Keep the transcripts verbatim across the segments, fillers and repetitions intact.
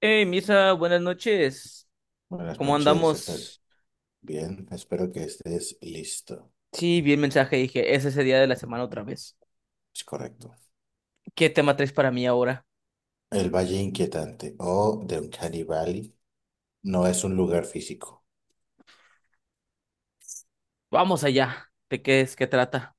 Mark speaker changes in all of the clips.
Speaker 1: Hey, Misa, buenas noches.
Speaker 2: Buenas
Speaker 1: ¿Cómo
Speaker 2: noches, espero.
Speaker 1: andamos?
Speaker 2: Bien, espero que estés listo.
Speaker 1: Sí, vi el mensaje y dije, es ese día de la semana otra vez.
Speaker 2: Es correcto.
Speaker 1: ¿Qué tema traes para mí ahora?
Speaker 2: El Valle Inquietante o de Uncanny Valley no es un lugar físico.
Speaker 1: Vamos allá. ¿De qué es? ¿Qué trata?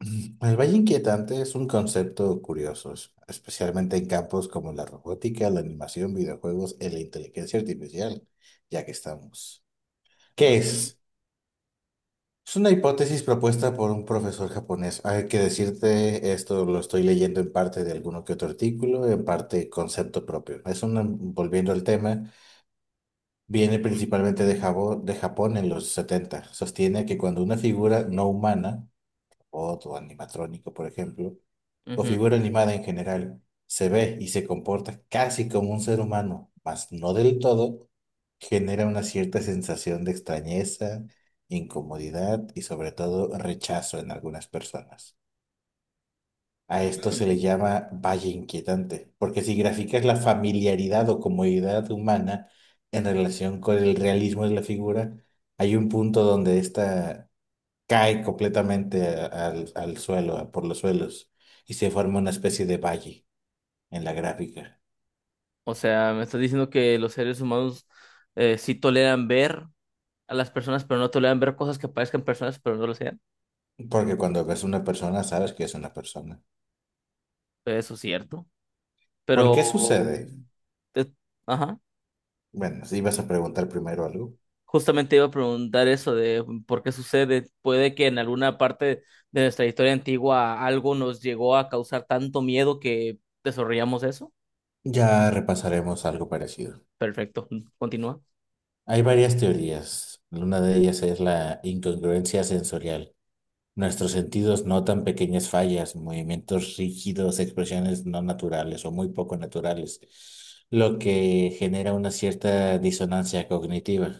Speaker 2: El Valle Inquietante es un concepto curioso, es- especialmente en campos como la robótica, la animación, videojuegos y la inteligencia artificial, ya que estamos.
Speaker 1: Ujú,
Speaker 2: ¿Qué es? Es una hipótesis propuesta por un profesor japonés. Hay que decirte, esto lo estoy leyendo en parte de alguno que otro artículo, en parte concepto propio. Es una, volviendo al tema, viene principalmente de Jabo- de Japón en los setenta. Sostiene que cuando una figura no humana, robot o animatrónico, por ejemplo, o
Speaker 1: ujú,
Speaker 2: figura animada en general, se ve y se comporta casi como un ser humano, mas no del todo, genera una cierta sensación de extrañeza, incomodidad y sobre todo rechazo en algunas personas. A
Speaker 1: ujú.
Speaker 2: esto se le
Speaker 1: Mm.
Speaker 2: llama valle inquietante, porque si graficas la familiaridad o comodidad humana en relación con el realismo de la figura, hay un punto donde esta cae completamente a- al, al suelo, a- por los suelos, y se forma una especie de valle en la gráfica.
Speaker 1: O sea, me estás diciendo que los seres humanos eh, sí toleran ver a las personas, pero no toleran ver cosas que parezcan personas, pero no lo sean.
Speaker 2: Porque cuando ves una persona, sabes que es una persona.
Speaker 1: Eso es cierto.
Speaker 2: ¿Por qué
Speaker 1: Pero...
Speaker 2: sucede?
Speaker 1: te- ajá.
Speaker 2: Bueno, si vas a preguntar primero algo,
Speaker 1: Justamente iba a preguntar eso de por qué sucede. Puede que en alguna parte de nuestra historia antigua algo nos llegó a causar tanto miedo que desarrollamos eso.
Speaker 2: ya repasaremos algo parecido.
Speaker 1: Perfecto, continúa.
Speaker 2: Hay varias teorías. Una de ellas es la incongruencia sensorial. Nuestros sentidos notan pequeñas fallas, movimientos rígidos, expresiones no naturales o muy poco naturales, lo que genera una cierta disonancia cognitiva.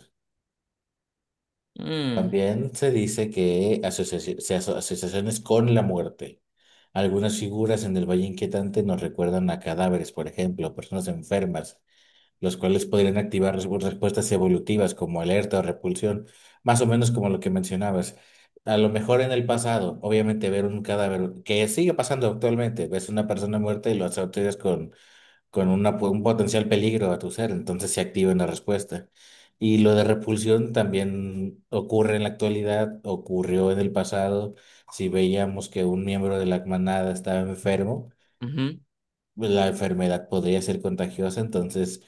Speaker 1: Mm,
Speaker 2: También se dice que asociaci- se aso- asociaciones con la muerte. Algunas figuras en el Valle Inquietante nos recuerdan a cadáveres, por ejemplo, personas enfermas, los cuales podrían activar res- respuestas evolutivas como alerta o repulsión, más o menos como lo que mencionabas. A lo mejor en el pasado, obviamente ver un cadáver, que sigue pasando actualmente, ves una persona muerta y lo asocias con, con una, po- un potencial peligro a tu ser, entonces se activa una respuesta. Y lo de repulsión también ocurre en la actualidad, ocurrió en el pasado. Si veíamos que un miembro de la manada estaba enfermo,
Speaker 1: ujú,
Speaker 2: la enfermedad podría ser contagiosa, entonces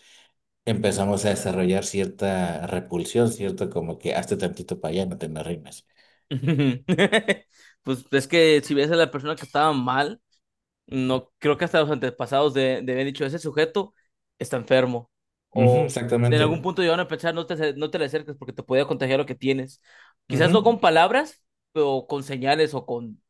Speaker 2: empezamos a desarrollar cierta repulsión, ¿cierto? Como que hazte tantito para allá, no te me arrimes.
Speaker 1: pues es que si ves a la persona que estaba mal, no creo que hasta los antepasados de, de haber dicho, ese sujeto está enfermo.
Speaker 2: Ujú,
Speaker 1: O en algún
Speaker 2: exactamente.
Speaker 1: punto llegaron a pensar, no te, ace- no te le acerques porque te podía contagiar lo que tienes. Quizás no
Speaker 2: Ujú.
Speaker 1: con palabras, pero con señales o con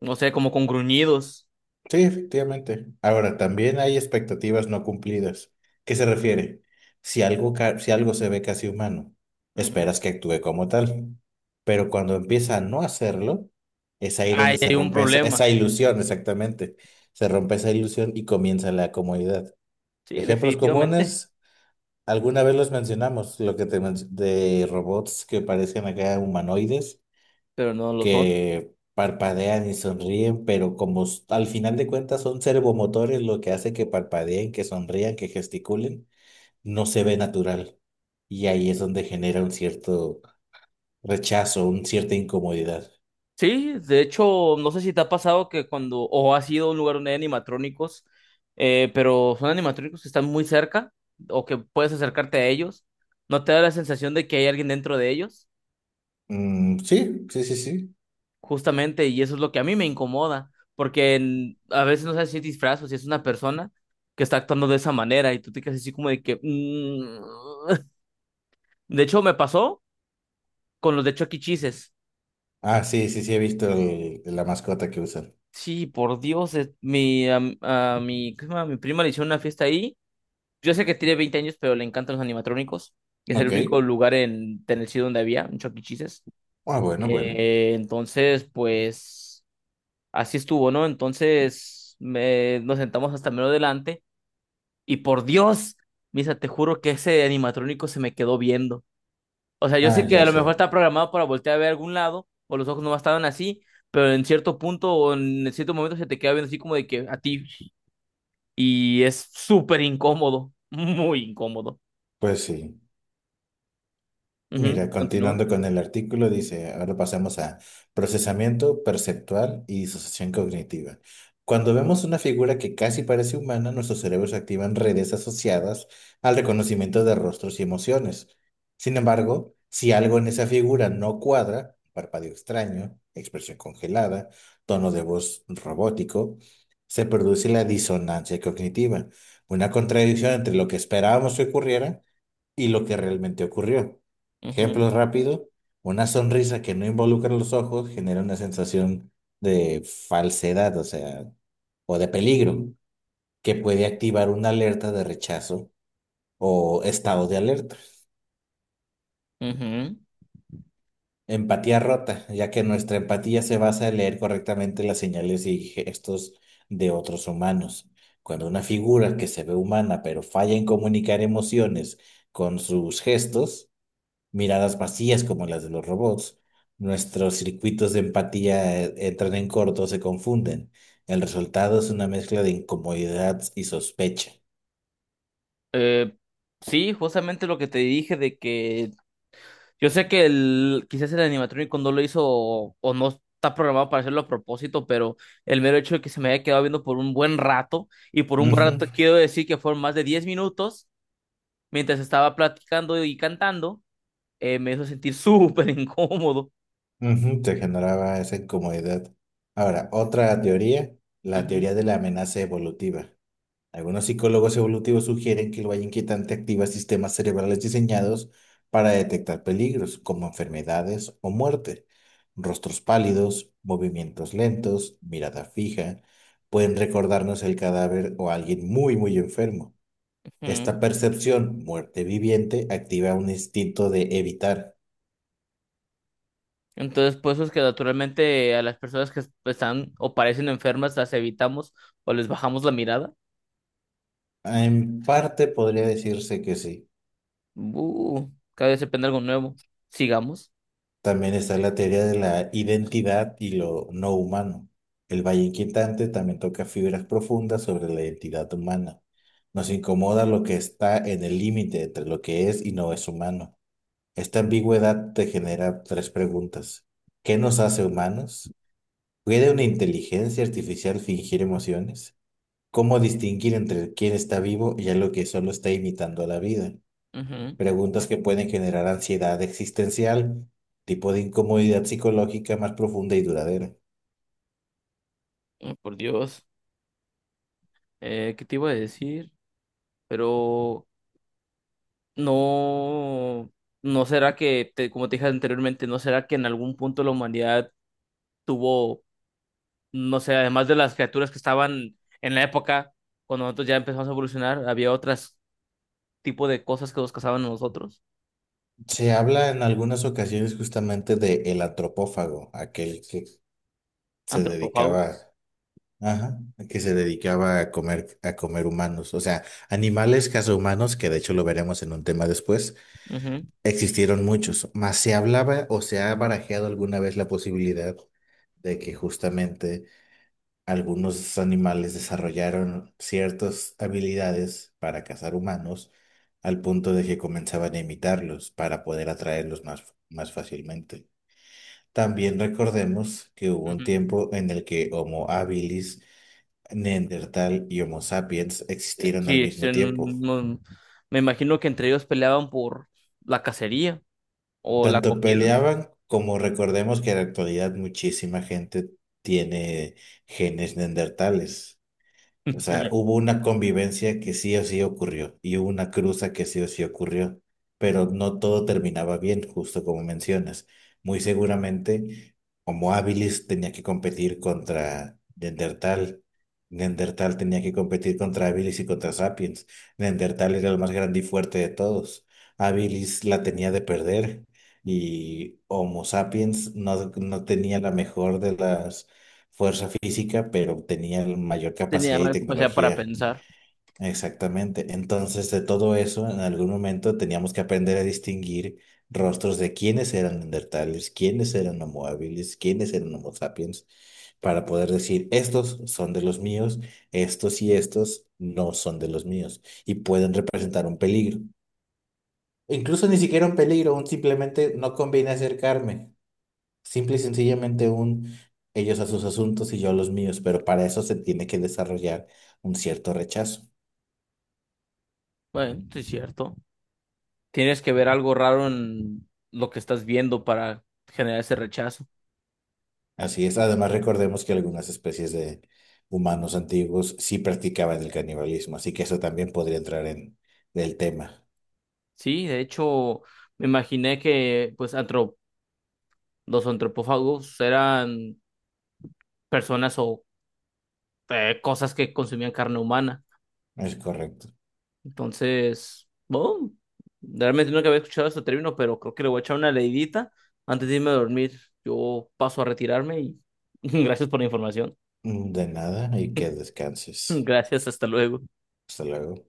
Speaker 1: no sé, como con gruñidos.
Speaker 2: Sí, efectivamente. Ahora, también hay expectativas no cumplidas. ¿Qué se refiere? Si algo, ca- si algo se ve casi humano,
Speaker 1: Ujú.
Speaker 2: esperas que actúe como tal. Pero cuando empieza a no hacerlo, es ahí
Speaker 1: Ahí
Speaker 2: donde se
Speaker 1: hay un
Speaker 2: rompe esa,
Speaker 1: problema.
Speaker 2: esa ilusión, exactamente. Se rompe esa ilusión y comienza la comodidad.
Speaker 1: Sí,
Speaker 2: Ejemplos
Speaker 1: definitivamente,
Speaker 2: comunes. Alguna vez los mencionamos, lo que te menc- de robots que parecen acá humanoides,
Speaker 1: pero no lo son.
Speaker 2: que parpadean y sonríen, pero como s- al final de cuentas son servomotores lo que hace que parpadeen, que sonrían, que gesticulen, no se ve natural. Y ahí es donde genera un cierto rechazo, una cierta incomodidad.
Speaker 1: Sí, de hecho, no sé si te ha pasado que cuando, o has ido a un lugar donde hay animatrónicos, eh, pero son animatrónicos que están muy cerca, o que puedes acercarte a ellos, ¿no te da la sensación de que hay alguien dentro de ellos?
Speaker 2: Mm, sí, sí, sí, sí.
Speaker 1: Justamente, y eso es lo que a mí me incomoda, porque en- a veces no sabes si es disfraz o si es una persona que está actuando de esa manera, y tú te quedas así como de que... mm. De hecho, me pasó con los de Chucky Cheeses.
Speaker 2: Ah, sí, sí, sí, he visto el- la mascota que usan.
Speaker 1: Sí, por Dios, es- mi, am- a, mi, ¿cómo se llama? Mi prima le hicieron una fiesta ahí. Yo sé que tiene veinte años, pero le encantan los animatrónicos. Es el
Speaker 2: Ok.
Speaker 1: único lugar en Tennessee donde había un Chucky Cheeses.
Speaker 2: Ah, bueno, bueno.
Speaker 1: Eh, entonces, pues, así estuvo, ¿no? Entonces, me, nos sentamos hasta menos adelante. Y por Dios, Misa, te juro que ese animatrónico se me quedó viendo. O sea, yo
Speaker 2: Ah,
Speaker 1: sé que a
Speaker 2: ya
Speaker 1: lo
Speaker 2: sé.
Speaker 1: mejor está programado para voltear a ver algún lado, o los ojos no estaban así, pero en cierto punto o en cierto momento se te queda viendo así como de que a ti, y es súper incómodo, muy incómodo.
Speaker 2: Pues sí.
Speaker 1: Ujú,
Speaker 2: Mira,
Speaker 1: continúa.
Speaker 2: continuando con el artículo, dice, ahora pasamos a procesamiento perceptual y disociación cognitiva. Cuando vemos una figura que casi parece humana, nuestros cerebros activan redes asociadas al reconocimiento de rostros y emociones. Sin embargo, si algo en esa figura no cuadra, parpadeo extraño, expresión congelada, tono de voz robótico, se produce la disonancia cognitiva, una contradicción entre lo que esperábamos que ocurriera y lo que realmente ocurrió.
Speaker 1: Ujú,
Speaker 2: Ejemplo rápido, una sonrisa que no involucra los ojos genera una sensación de falsedad, o sea, o de peligro, que puede activar una alerta de rechazo o estado de alerta.
Speaker 1: ujú.
Speaker 2: Empatía rota, ya que nuestra empatía se basa en leer correctamente las señales y gestos de otros humanos. Cuando una figura que se ve humana pero falla en comunicar emociones con sus gestos, miradas vacías como las de los robots. Nuestros circuitos de empatía eh, entran en corto, se confunden. El resultado es una mezcla de incomodidad y sospecha.
Speaker 1: Eh, sí, justamente lo que te dije de que yo sé que el, quizás el animatrónico no lo hizo o, o no está programado para hacerlo a propósito, pero el mero hecho de que se me haya quedado viendo por un buen rato, y por un buen
Speaker 2: Ujú,
Speaker 1: rato quiero decir que fueron más de diez minutos mientras estaba platicando y cantando, eh, me hizo sentir súper incómodo.
Speaker 2: ujú, te generaba esa incomodidad. Ahora, otra teoría, la
Speaker 1: Ujú,
Speaker 2: teoría de la amenaza evolutiva. Algunos psicólogos evolutivos sugieren que el valle inquietante activa sistemas cerebrales diseñados para detectar peligros como enfermedades o muerte. Rostros pálidos, movimientos lentos, mirada fija, pueden recordarnos el cadáver o a alguien muy, muy enfermo. Esta
Speaker 1: ujú.
Speaker 2: percepción, muerte viviente, activa un instinto de evitar.
Speaker 1: Entonces, pues es que naturalmente a las personas que están o parecen enfermas las evitamos o les bajamos la mirada.
Speaker 2: En parte podría decirse que sí.
Speaker 1: Uh, cada vez se aprende algo nuevo. Sigamos.
Speaker 2: También está la teoría de la identidad y lo no humano. El Valle Inquietante también toca fibras profundas sobre la identidad humana. Nos incomoda lo que está en el límite entre lo que es y no es humano. Esta ambigüedad te genera tres preguntas. ¿Qué nos hace humanos? ¿Puede una inteligencia artificial fingir emociones? ¿Cómo distinguir entre quién está vivo y algo que solo está imitando a la vida?
Speaker 1: Ujú.
Speaker 2: Preguntas que pueden generar ansiedad existencial, tipo de incomodidad psicológica más profunda y duradera.
Speaker 1: Oh, por Dios. Eh, ¿qué te iba a decir? Pero no, no será que, te- como te dije anteriormente, no será que en algún punto la humanidad tuvo no sé, además de las criaturas que estaban en la época, cuando nosotros ya empezamos a evolucionar, había otros tipo de cosas que nos cazaban a nosotros,
Speaker 2: Se habla en algunas ocasiones justamente de el antropófago, aquel que se
Speaker 1: antropófagos.
Speaker 2: dedicaba, ajá, que se dedicaba a comer, a comer humanos, o sea, animales humanos, que de hecho lo veremos en un tema después,
Speaker 1: Ujú,
Speaker 2: existieron muchos, mas se hablaba o se ha barajeado alguna vez la posibilidad de que justamente algunos animales desarrollaron ciertas habilidades para cazar humanos al punto de que comenzaban a imitarlos para poder atraerlos más, más fácilmente. También recordemos que hubo un
Speaker 1: ujú.
Speaker 2: tiempo en el que Homo habilis, Neandertal y Homo sapiens
Speaker 1: Eh,
Speaker 2: existieron al
Speaker 1: Sí,
Speaker 2: mismo
Speaker 1: existen
Speaker 2: tiempo.
Speaker 1: un- un- me imagino que entre ellos peleaban por la cacería o la
Speaker 2: Tanto
Speaker 1: comida.
Speaker 2: peleaban como recordemos que en la actualidad muchísima gente tiene genes neandertales. O sea, hubo una convivencia que sí o sí ocurrió y hubo una cruza que sí o sí ocurrió, pero no todo terminaba bien, justo como mencionas. Muy seguramente, como Habilis tenía que competir contra Neandertal, Neandertal tenía que competir contra Habilis y contra Sapiens. Neandertal era el más grande y fuerte de todos. Habilis la tenía de perder y Homo Sapiens no, no tenía la mejor de las fuerza física, pero tenía mayor
Speaker 1: Tenía
Speaker 2: capacidad y
Speaker 1: más capacidad para
Speaker 2: tecnología.
Speaker 1: pensar.
Speaker 2: Exactamente. Entonces, de todo eso, en algún momento teníamos que aprender a distinguir rostros de quiénes eran neandertales, quiénes eran homo habilis, quiénes eran homo sapiens, para poder decir, estos son de los míos, estos y estos no son de los míos, y pueden representar un peligro. Incluso ni siquiera un peligro, un simplemente no conviene acercarme. Simple y sencillamente un ellos a sus asuntos y yo a los míos, pero para eso se tiene que desarrollar un cierto rechazo.
Speaker 1: Bueno, sí es cierto. Tienes que ver algo raro en lo que estás viendo para generar ese rechazo.
Speaker 2: Así es. Además, recordemos que algunas especies de humanos antiguos sí practicaban el canibalismo, así que eso también podría entrar en el tema.
Speaker 1: Sí, de hecho, me imaginé que pues los antropófagos eran personas o eh, cosas que consumían carne humana.
Speaker 2: Es correcto.
Speaker 1: Entonces, bueno, realmente nunca había escuchado este término, pero creo que le voy a echar una leidita antes de irme a dormir. Yo paso a retirarme y gracias por la información.
Speaker 2: Mm, de nada y que descanses.
Speaker 1: Gracias, hasta luego.
Speaker 2: Hasta luego.